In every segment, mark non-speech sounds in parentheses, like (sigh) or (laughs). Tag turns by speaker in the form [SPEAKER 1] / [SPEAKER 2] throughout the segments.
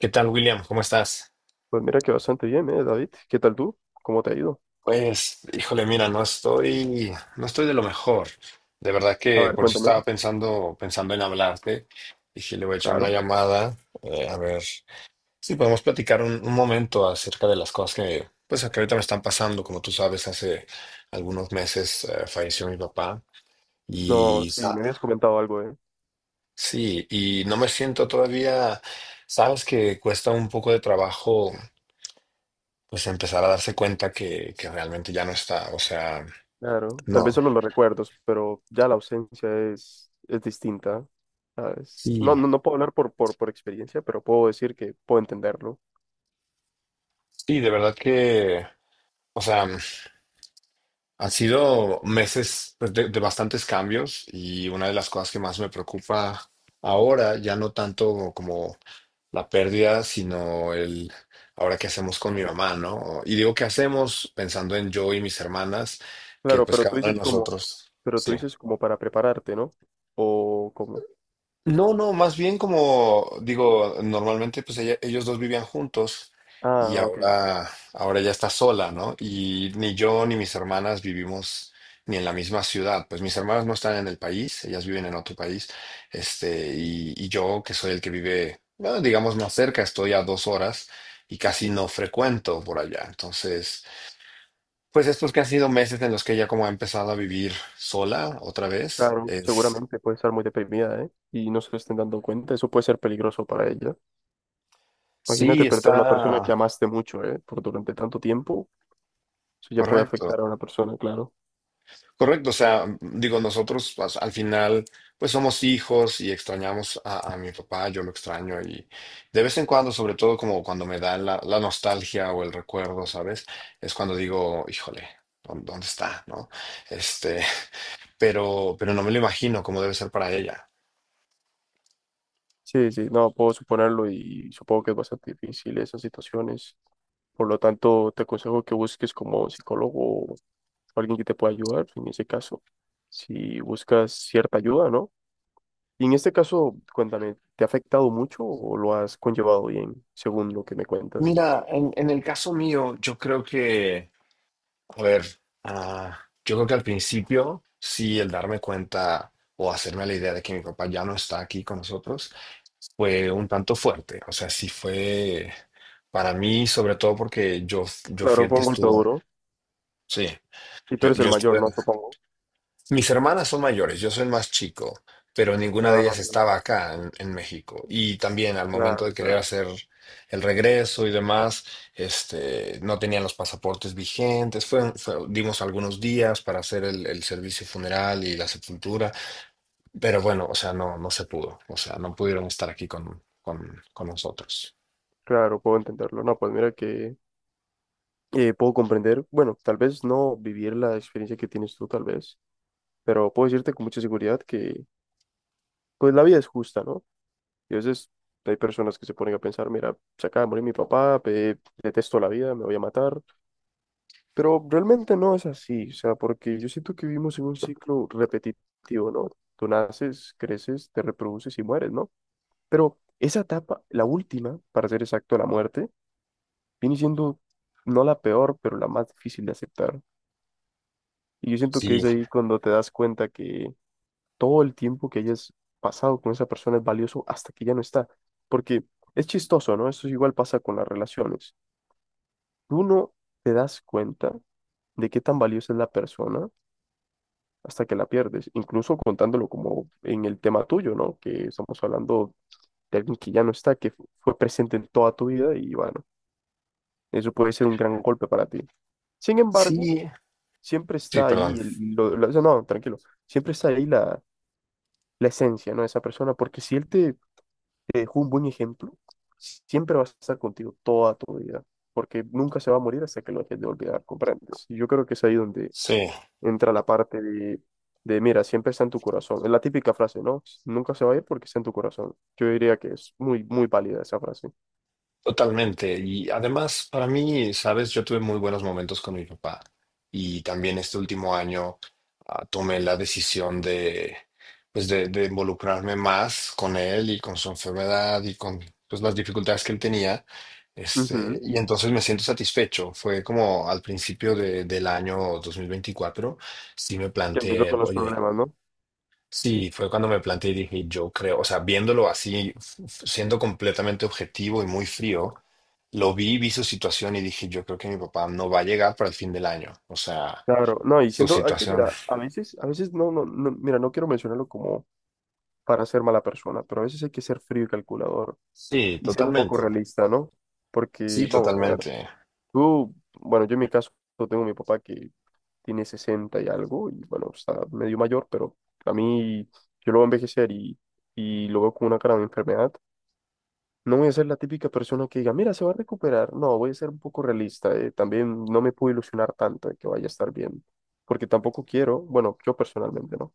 [SPEAKER 1] ¿Qué tal, William? ¿Cómo estás?
[SPEAKER 2] Pues mira que bastante bien, ¿eh, David? ¿Qué tal tú? ¿Cómo te ha ido?
[SPEAKER 1] Pues, híjole, mira, no estoy de lo mejor. De verdad
[SPEAKER 2] A
[SPEAKER 1] que
[SPEAKER 2] ver,
[SPEAKER 1] por eso
[SPEAKER 2] cuéntame.
[SPEAKER 1] estaba pensando en hablarte. Dije, le voy a echar una
[SPEAKER 2] Claro.
[SPEAKER 1] llamada, a ver si podemos platicar un momento acerca de las cosas que, pues, que ahorita me están pasando. Como tú sabes, hace algunos meses falleció mi papá
[SPEAKER 2] No,
[SPEAKER 1] y
[SPEAKER 2] sí,
[SPEAKER 1] sa-
[SPEAKER 2] me habías comentado algo, ¿eh?
[SPEAKER 1] sí, y no me siento todavía, sabes que cuesta un poco de trabajo pues empezar a darse cuenta que realmente ya no está. O sea,
[SPEAKER 2] Claro. Tal
[SPEAKER 1] no.
[SPEAKER 2] vez solo los recuerdos, pero ya la ausencia es distinta, ¿sabes?
[SPEAKER 1] Sí,
[SPEAKER 2] No, no, no puedo hablar por experiencia, pero puedo decir que puedo entenderlo.
[SPEAKER 1] sí, de verdad que, o sea, han sido meses pues, de bastantes cambios y una de las cosas que más me preocupa ahora, ya no tanto como la pérdida, sino el ahora qué hacemos con mi mamá, ¿no? Y digo qué hacemos pensando en yo y mis hermanas, que
[SPEAKER 2] Claro,
[SPEAKER 1] pues
[SPEAKER 2] pero tú
[SPEAKER 1] cada uno de
[SPEAKER 2] dices como,
[SPEAKER 1] nosotros,
[SPEAKER 2] pero tú
[SPEAKER 1] sí.
[SPEAKER 2] dices como para prepararte, ¿no? O como.
[SPEAKER 1] No, no, más bien como digo, normalmente pues ellos dos vivían juntos
[SPEAKER 2] Ah,
[SPEAKER 1] y
[SPEAKER 2] ok.
[SPEAKER 1] ahora ya está sola, ¿no? Y ni yo ni mis hermanas vivimos ni en la misma ciudad. Pues mis hermanas no están en el país, ellas viven en otro país. Este, y yo, que soy el que vive, bueno, digamos, más cerca, estoy a dos horas y casi no frecuento por allá. Entonces, pues estos que han sido meses en los que ella como ha empezado a vivir sola otra vez,
[SPEAKER 2] Claro,
[SPEAKER 1] es,
[SPEAKER 2] seguramente puede estar muy deprimida, ¿eh? Y no se lo estén dando cuenta. Eso puede ser peligroso para ella. Imagínate
[SPEAKER 1] sí,
[SPEAKER 2] perder a la persona que
[SPEAKER 1] está
[SPEAKER 2] amaste mucho, ¿eh? Por durante tanto tiempo. Eso ya puede
[SPEAKER 1] correcto.
[SPEAKER 2] afectar a una persona, claro.
[SPEAKER 1] Correcto, o sea, digo, nosotros pues, al final, pues somos hijos y extrañamos a mi papá, yo lo extraño y de vez en cuando, sobre todo como cuando me da la nostalgia o el recuerdo, ¿sabes? Es cuando digo, híjole, ¿dónde está? ¿No? Este, (laughs) pero no me lo imagino cómo debe ser para ella.
[SPEAKER 2] Sí, sí, no, puedo suponerlo y supongo que es bastante difícil esas situaciones. Por lo tanto, te aconsejo que busques como psicólogo o alguien que te pueda ayudar en ese caso, si buscas cierta ayuda, ¿no? Y en este caso, cuéntame, ¿te ha afectado mucho o lo has conllevado bien, según lo que me cuentas?
[SPEAKER 1] Mira, en el caso mío, yo creo que a ver, ah, yo creo que al principio sí el darme cuenta o hacerme la idea de que mi papá ya no está aquí con nosotros fue un tanto fuerte. O sea, sí fue para mí, sobre todo porque yo fui
[SPEAKER 2] Claro,
[SPEAKER 1] el
[SPEAKER 2] fue
[SPEAKER 1] que
[SPEAKER 2] un golpe
[SPEAKER 1] estuvo.
[SPEAKER 2] duro.
[SPEAKER 1] Sí,
[SPEAKER 2] Y tú
[SPEAKER 1] yo,
[SPEAKER 2] eres el
[SPEAKER 1] yo
[SPEAKER 2] mayor,
[SPEAKER 1] estuve
[SPEAKER 2] ¿no? Supongo.
[SPEAKER 1] mis hermanas son mayores, yo soy el más chico, pero ninguna de
[SPEAKER 2] Ah,
[SPEAKER 1] ellas estaba acá en México. Y también al momento
[SPEAKER 2] claro,
[SPEAKER 1] de querer
[SPEAKER 2] claro.
[SPEAKER 1] hacer el regreso y demás, este, no tenían los pasaportes vigentes. Dimos algunos días para hacer el servicio funeral y la sepultura, pero bueno, o sea, no, no se pudo. O sea, no pudieron estar aquí con nosotros.
[SPEAKER 2] Claro, puedo entenderlo. No, pues mira que puedo comprender, bueno, tal vez no vivir la experiencia que tienes tú, tal vez, pero puedo decirte con mucha seguridad que pues la vida es justa, ¿no? Y a veces hay personas que se ponen a pensar, mira, se acaba de morir mi papá, detesto la vida, me voy a matar, pero realmente no es así, o sea, porque yo siento que vivimos en un ciclo repetitivo, ¿no? Tú naces, creces, te reproduces y mueres, ¿no? Pero esa etapa, la última, para ser exacto, la muerte, viene siendo no la peor, pero la más difícil de aceptar. Y yo siento que
[SPEAKER 1] Sí,
[SPEAKER 2] es ahí cuando te das cuenta que todo el tiempo que hayas pasado con esa persona es valioso hasta que ya no está. Porque es chistoso, ¿no? Eso igual pasa con las relaciones. Tú no te das cuenta de qué tan valiosa es la persona hasta que la pierdes, incluso contándolo como en el tema tuyo, ¿no? Que estamos hablando de alguien que ya no está, que fue presente en toda tu vida y bueno, eso puede ser un gran golpe para ti. Sin embargo,
[SPEAKER 1] sí,
[SPEAKER 2] siempre
[SPEAKER 1] sí,
[SPEAKER 2] está
[SPEAKER 1] perdón.
[SPEAKER 2] ahí, eso no, tranquilo, siempre está ahí la esencia, ¿no? De esa persona, porque si él te dejó un buen ejemplo, si, siempre va a estar contigo toda tu vida, porque nunca se va a morir hasta que lo dejes de olvidar, ¿comprendes? Y yo creo que es ahí donde
[SPEAKER 1] Sí.
[SPEAKER 2] entra la parte de, mira, siempre está en tu corazón, es la típica frase, ¿no? Nunca se va a ir porque está en tu corazón. Yo diría que es muy, muy válida esa frase.
[SPEAKER 1] Totalmente. Y además, para mí, sabes, yo tuve muy buenos momentos con mi papá. Y también este último año tomé la decisión de, pues de involucrarme más con él y con su enfermedad y con pues, las dificultades que él tenía. Este,
[SPEAKER 2] Ujú.
[SPEAKER 1] y entonces me siento satisfecho. Fue como al principio del año 2024, sí me
[SPEAKER 2] Que empezó
[SPEAKER 1] planteé,
[SPEAKER 2] con
[SPEAKER 1] el,
[SPEAKER 2] los
[SPEAKER 1] oye,
[SPEAKER 2] problemas, ¿no?
[SPEAKER 1] sí, fue cuando me planteé y dije, yo creo, o sea, viéndolo así, siendo completamente objetivo y muy frío, lo vi, vi su situación y dije, yo creo que mi papá no va a llegar para el fin del año. O sea,
[SPEAKER 2] Claro, no, y
[SPEAKER 1] su
[SPEAKER 2] siendo, hay que,
[SPEAKER 1] situación.
[SPEAKER 2] mira, a veces no, no, no, mira, no quiero mencionarlo como para ser mala persona, pero a veces hay que ser frío y calculador
[SPEAKER 1] Sí,
[SPEAKER 2] y ser un poco
[SPEAKER 1] totalmente.
[SPEAKER 2] realista, ¿no?
[SPEAKER 1] Sí,
[SPEAKER 2] Porque, vamos a ver,
[SPEAKER 1] totalmente.
[SPEAKER 2] tú, bueno, yo en mi caso tengo a mi papá que tiene 60 y algo, y bueno, está medio mayor, pero a mí yo lo voy a envejecer y lo veo con una cara de enfermedad. No voy a ser la típica persona que diga, mira, se va a recuperar. No, voy a ser un poco realista. También no me puedo ilusionar tanto de que vaya a estar bien, porque tampoco quiero, bueno, yo personalmente, ¿no?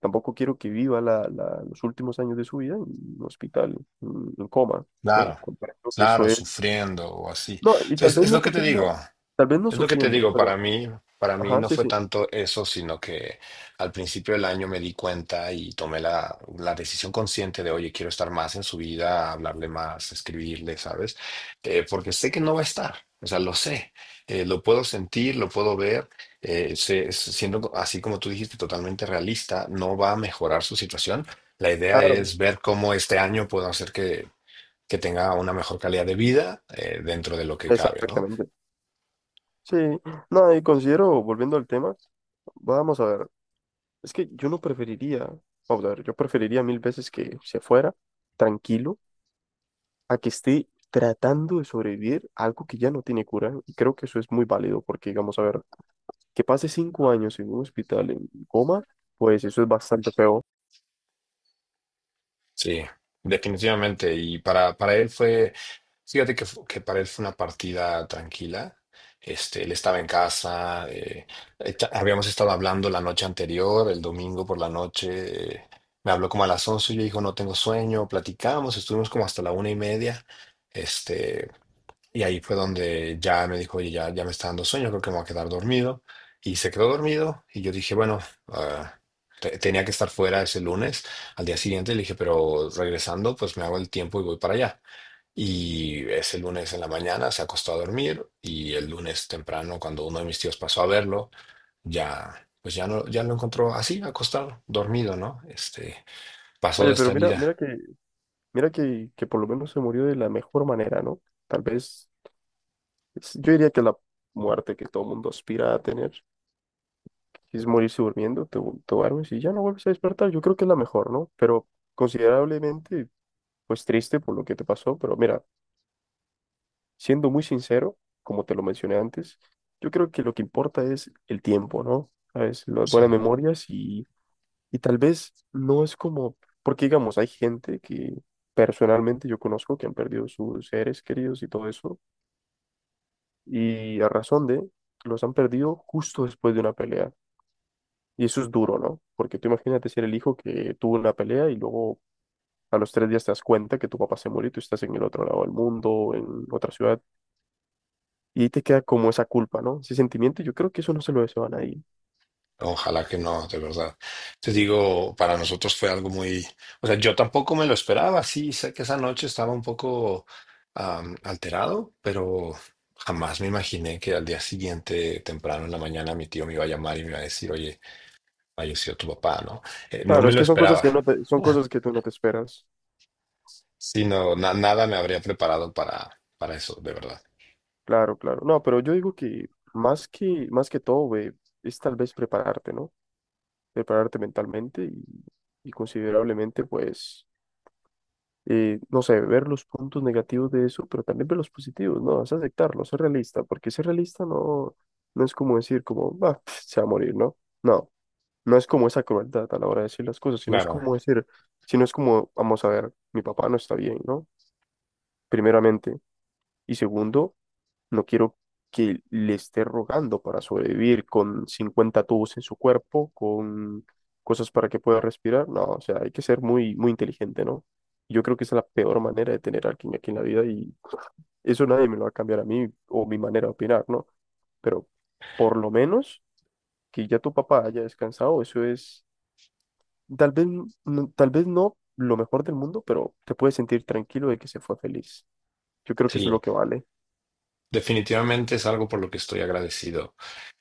[SPEAKER 2] Tampoco quiero que viva los últimos años de su vida en un hospital, en coma, ¿no?
[SPEAKER 1] Claro,
[SPEAKER 2] Comprendo que eso
[SPEAKER 1] claro,
[SPEAKER 2] es...
[SPEAKER 1] sufriendo o así.
[SPEAKER 2] No, y tal
[SPEAKER 1] Entonces,
[SPEAKER 2] vez
[SPEAKER 1] es
[SPEAKER 2] no
[SPEAKER 1] lo que te
[SPEAKER 2] sufriendo,
[SPEAKER 1] digo.
[SPEAKER 2] tal vez no
[SPEAKER 1] Es lo que te
[SPEAKER 2] sufriendo,
[SPEAKER 1] digo,
[SPEAKER 2] pero...
[SPEAKER 1] para mí
[SPEAKER 2] Ajá,
[SPEAKER 1] no
[SPEAKER 2] sí,
[SPEAKER 1] fue
[SPEAKER 2] sí,
[SPEAKER 1] tanto eso, sino que al principio del año me di cuenta y tomé la decisión consciente de, oye, quiero estar más en su vida, hablarle más, escribirle, ¿sabes? Porque sé que no va a estar, o sea, lo sé, lo puedo sentir, lo puedo ver, siendo así como tú dijiste, totalmente realista, no va a mejorar su situación. La idea
[SPEAKER 2] claro,
[SPEAKER 1] es ver cómo este año puedo hacer que tenga una mejor calidad de vida, dentro de lo que cabe, ¿no?
[SPEAKER 2] exactamente. Sí, no, y considero, volviendo al tema, vamos a ver, es que yo no preferiría, vamos a ver, yo preferiría mil veces que se fuera tranquilo a que esté tratando de sobrevivir a algo que ya no tiene cura, y creo que eso es muy válido, porque, digamos, a ver, que pase 5 años en un hospital en coma, pues eso es bastante feo.
[SPEAKER 1] Sí, definitivamente. Y para él fue, que para él fue una partida tranquila. Este, él estaba en casa, habíamos estado hablando la noche anterior, el domingo por la noche. Me habló como a las 11 y yo dijo, no tengo sueño, platicamos, estuvimos como hasta la una y media. Este, y ahí fue donde ya me dijo, oye, ya me está dando sueño, creo que me voy a quedar dormido. Y se quedó dormido y yo dije, bueno, ah, tenía que estar fuera ese lunes. Al día siguiente le dije, pero regresando, pues me hago el tiempo y voy para allá. Y ese lunes en la mañana se acostó a dormir y el lunes temprano, cuando uno de mis tíos pasó a verlo, ya, pues ya no, ya lo encontró así, acostado, dormido, ¿no? Este, pasó de
[SPEAKER 2] Oye, pero
[SPEAKER 1] esta
[SPEAKER 2] mira,
[SPEAKER 1] vida.
[SPEAKER 2] mira que por lo menos se murió de la mejor manera, ¿no? Tal vez, yo diría que la muerte que todo mundo aspira a tener, es morirse durmiendo, te duermes y ya no vuelves a despertar, yo creo que es la mejor, ¿no? Pero considerablemente, pues triste por lo que te pasó, pero mira, siendo muy sincero, como te lo mencioné antes, yo creo que lo que importa es el tiempo, ¿no? ¿Sabes? Las
[SPEAKER 1] Sí.
[SPEAKER 2] buenas memorias. Y tal vez no es como, porque digamos, hay gente que personalmente yo conozco que han perdido sus seres queridos y todo eso, y a razón los han perdido justo después de una pelea. Y eso es duro, ¿no? Porque tú imagínate ser el hijo que tuvo una pelea y luego a los 3 días te das cuenta que tu papá se murió y tú estás en el otro lado del mundo, en otra ciudad, y ahí te queda como esa culpa, ¿no? Ese sentimiento, yo creo que eso no se lo deseo a nadie.
[SPEAKER 1] Ojalá que no, de verdad. Te digo, para nosotros fue algo muy, o sea, yo tampoco me lo esperaba. Sí, sé que esa noche estaba un poco alterado, pero jamás me imaginé que al día siguiente, temprano en la mañana, mi tío me iba a llamar y me iba a decir, oye, falleció tu papá, ¿no? No
[SPEAKER 2] Claro,
[SPEAKER 1] me
[SPEAKER 2] es
[SPEAKER 1] lo
[SPEAKER 2] que son cosas
[SPEAKER 1] esperaba,
[SPEAKER 2] que no son cosas que tú no te esperas.
[SPEAKER 1] sino nada me habría preparado para eso, de verdad.
[SPEAKER 2] Claro, claro. No, pero yo digo que más que, más que todo, güey, es tal vez prepararte, ¿no? Prepararte mentalmente y considerablemente, pues, no sé, ver los puntos negativos de eso, pero también ver los positivos, ¿no? Es aceptarlo, ser realista, porque ser realista no, no es como decir como, va, (laughs) se va a morir, ¿no? No, no es como esa crueldad a la hora de decir las cosas, sino es
[SPEAKER 1] Claro,
[SPEAKER 2] como decir, sino es como, vamos a ver, mi papá no está bien, ¿no? Primeramente. Y segundo, no quiero que le esté rogando para sobrevivir con 50 tubos en su cuerpo, con cosas para que pueda respirar. No, o sea, hay que ser muy, muy inteligente, ¿no? Yo creo que esa es la peor manera de tener a alguien aquí en la vida y (laughs) eso nadie me lo va a cambiar a mí o mi manera de opinar, ¿no? Pero por lo menos que ya tu papá haya descansado, eso es tal vez, tal vez no lo mejor del mundo, pero te puedes sentir tranquilo de que se fue feliz. Yo creo que eso es
[SPEAKER 1] sí,
[SPEAKER 2] lo que vale.
[SPEAKER 1] definitivamente es algo por lo que estoy agradecido.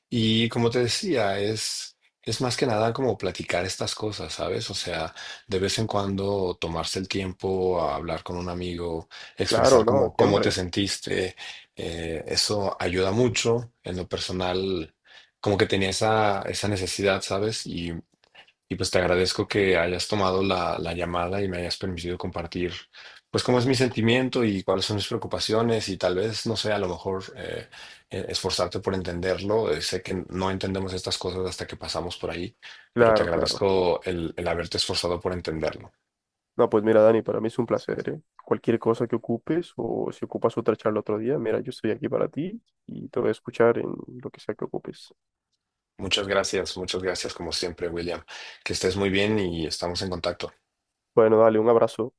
[SPEAKER 1] Y como te decía, es más que nada como platicar estas cosas, ¿sabes? O sea, de vez en cuando tomarse el tiempo a hablar con un amigo,
[SPEAKER 2] Claro,
[SPEAKER 1] expresar
[SPEAKER 2] ¿no?
[SPEAKER 1] como cómo te
[SPEAKER 2] Siempre.
[SPEAKER 1] sentiste, eso ayuda mucho en lo personal, como que tenía esa, esa necesidad, ¿sabes? Y y pues te agradezco que hayas tomado la llamada y me hayas permitido compartir, pues cómo es mi sentimiento y cuáles son mis preocupaciones y tal vez, no sé, a lo mejor esforzarte por entenderlo. Sé que no entendemos estas cosas hasta que pasamos por ahí, pero te
[SPEAKER 2] Claro, claro.
[SPEAKER 1] agradezco el haberte esforzado por entenderlo.
[SPEAKER 2] No, pues mira, Dani, para mí es un placer, ¿eh? Cualquier cosa que ocupes o si ocupas otra charla otro día, mira, yo estoy aquí para ti y te voy a escuchar en lo que sea que ocupes.
[SPEAKER 1] Muchas gracias como siempre, William. Que estés muy bien y estamos en contacto.
[SPEAKER 2] Bueno, dale, un abrazo.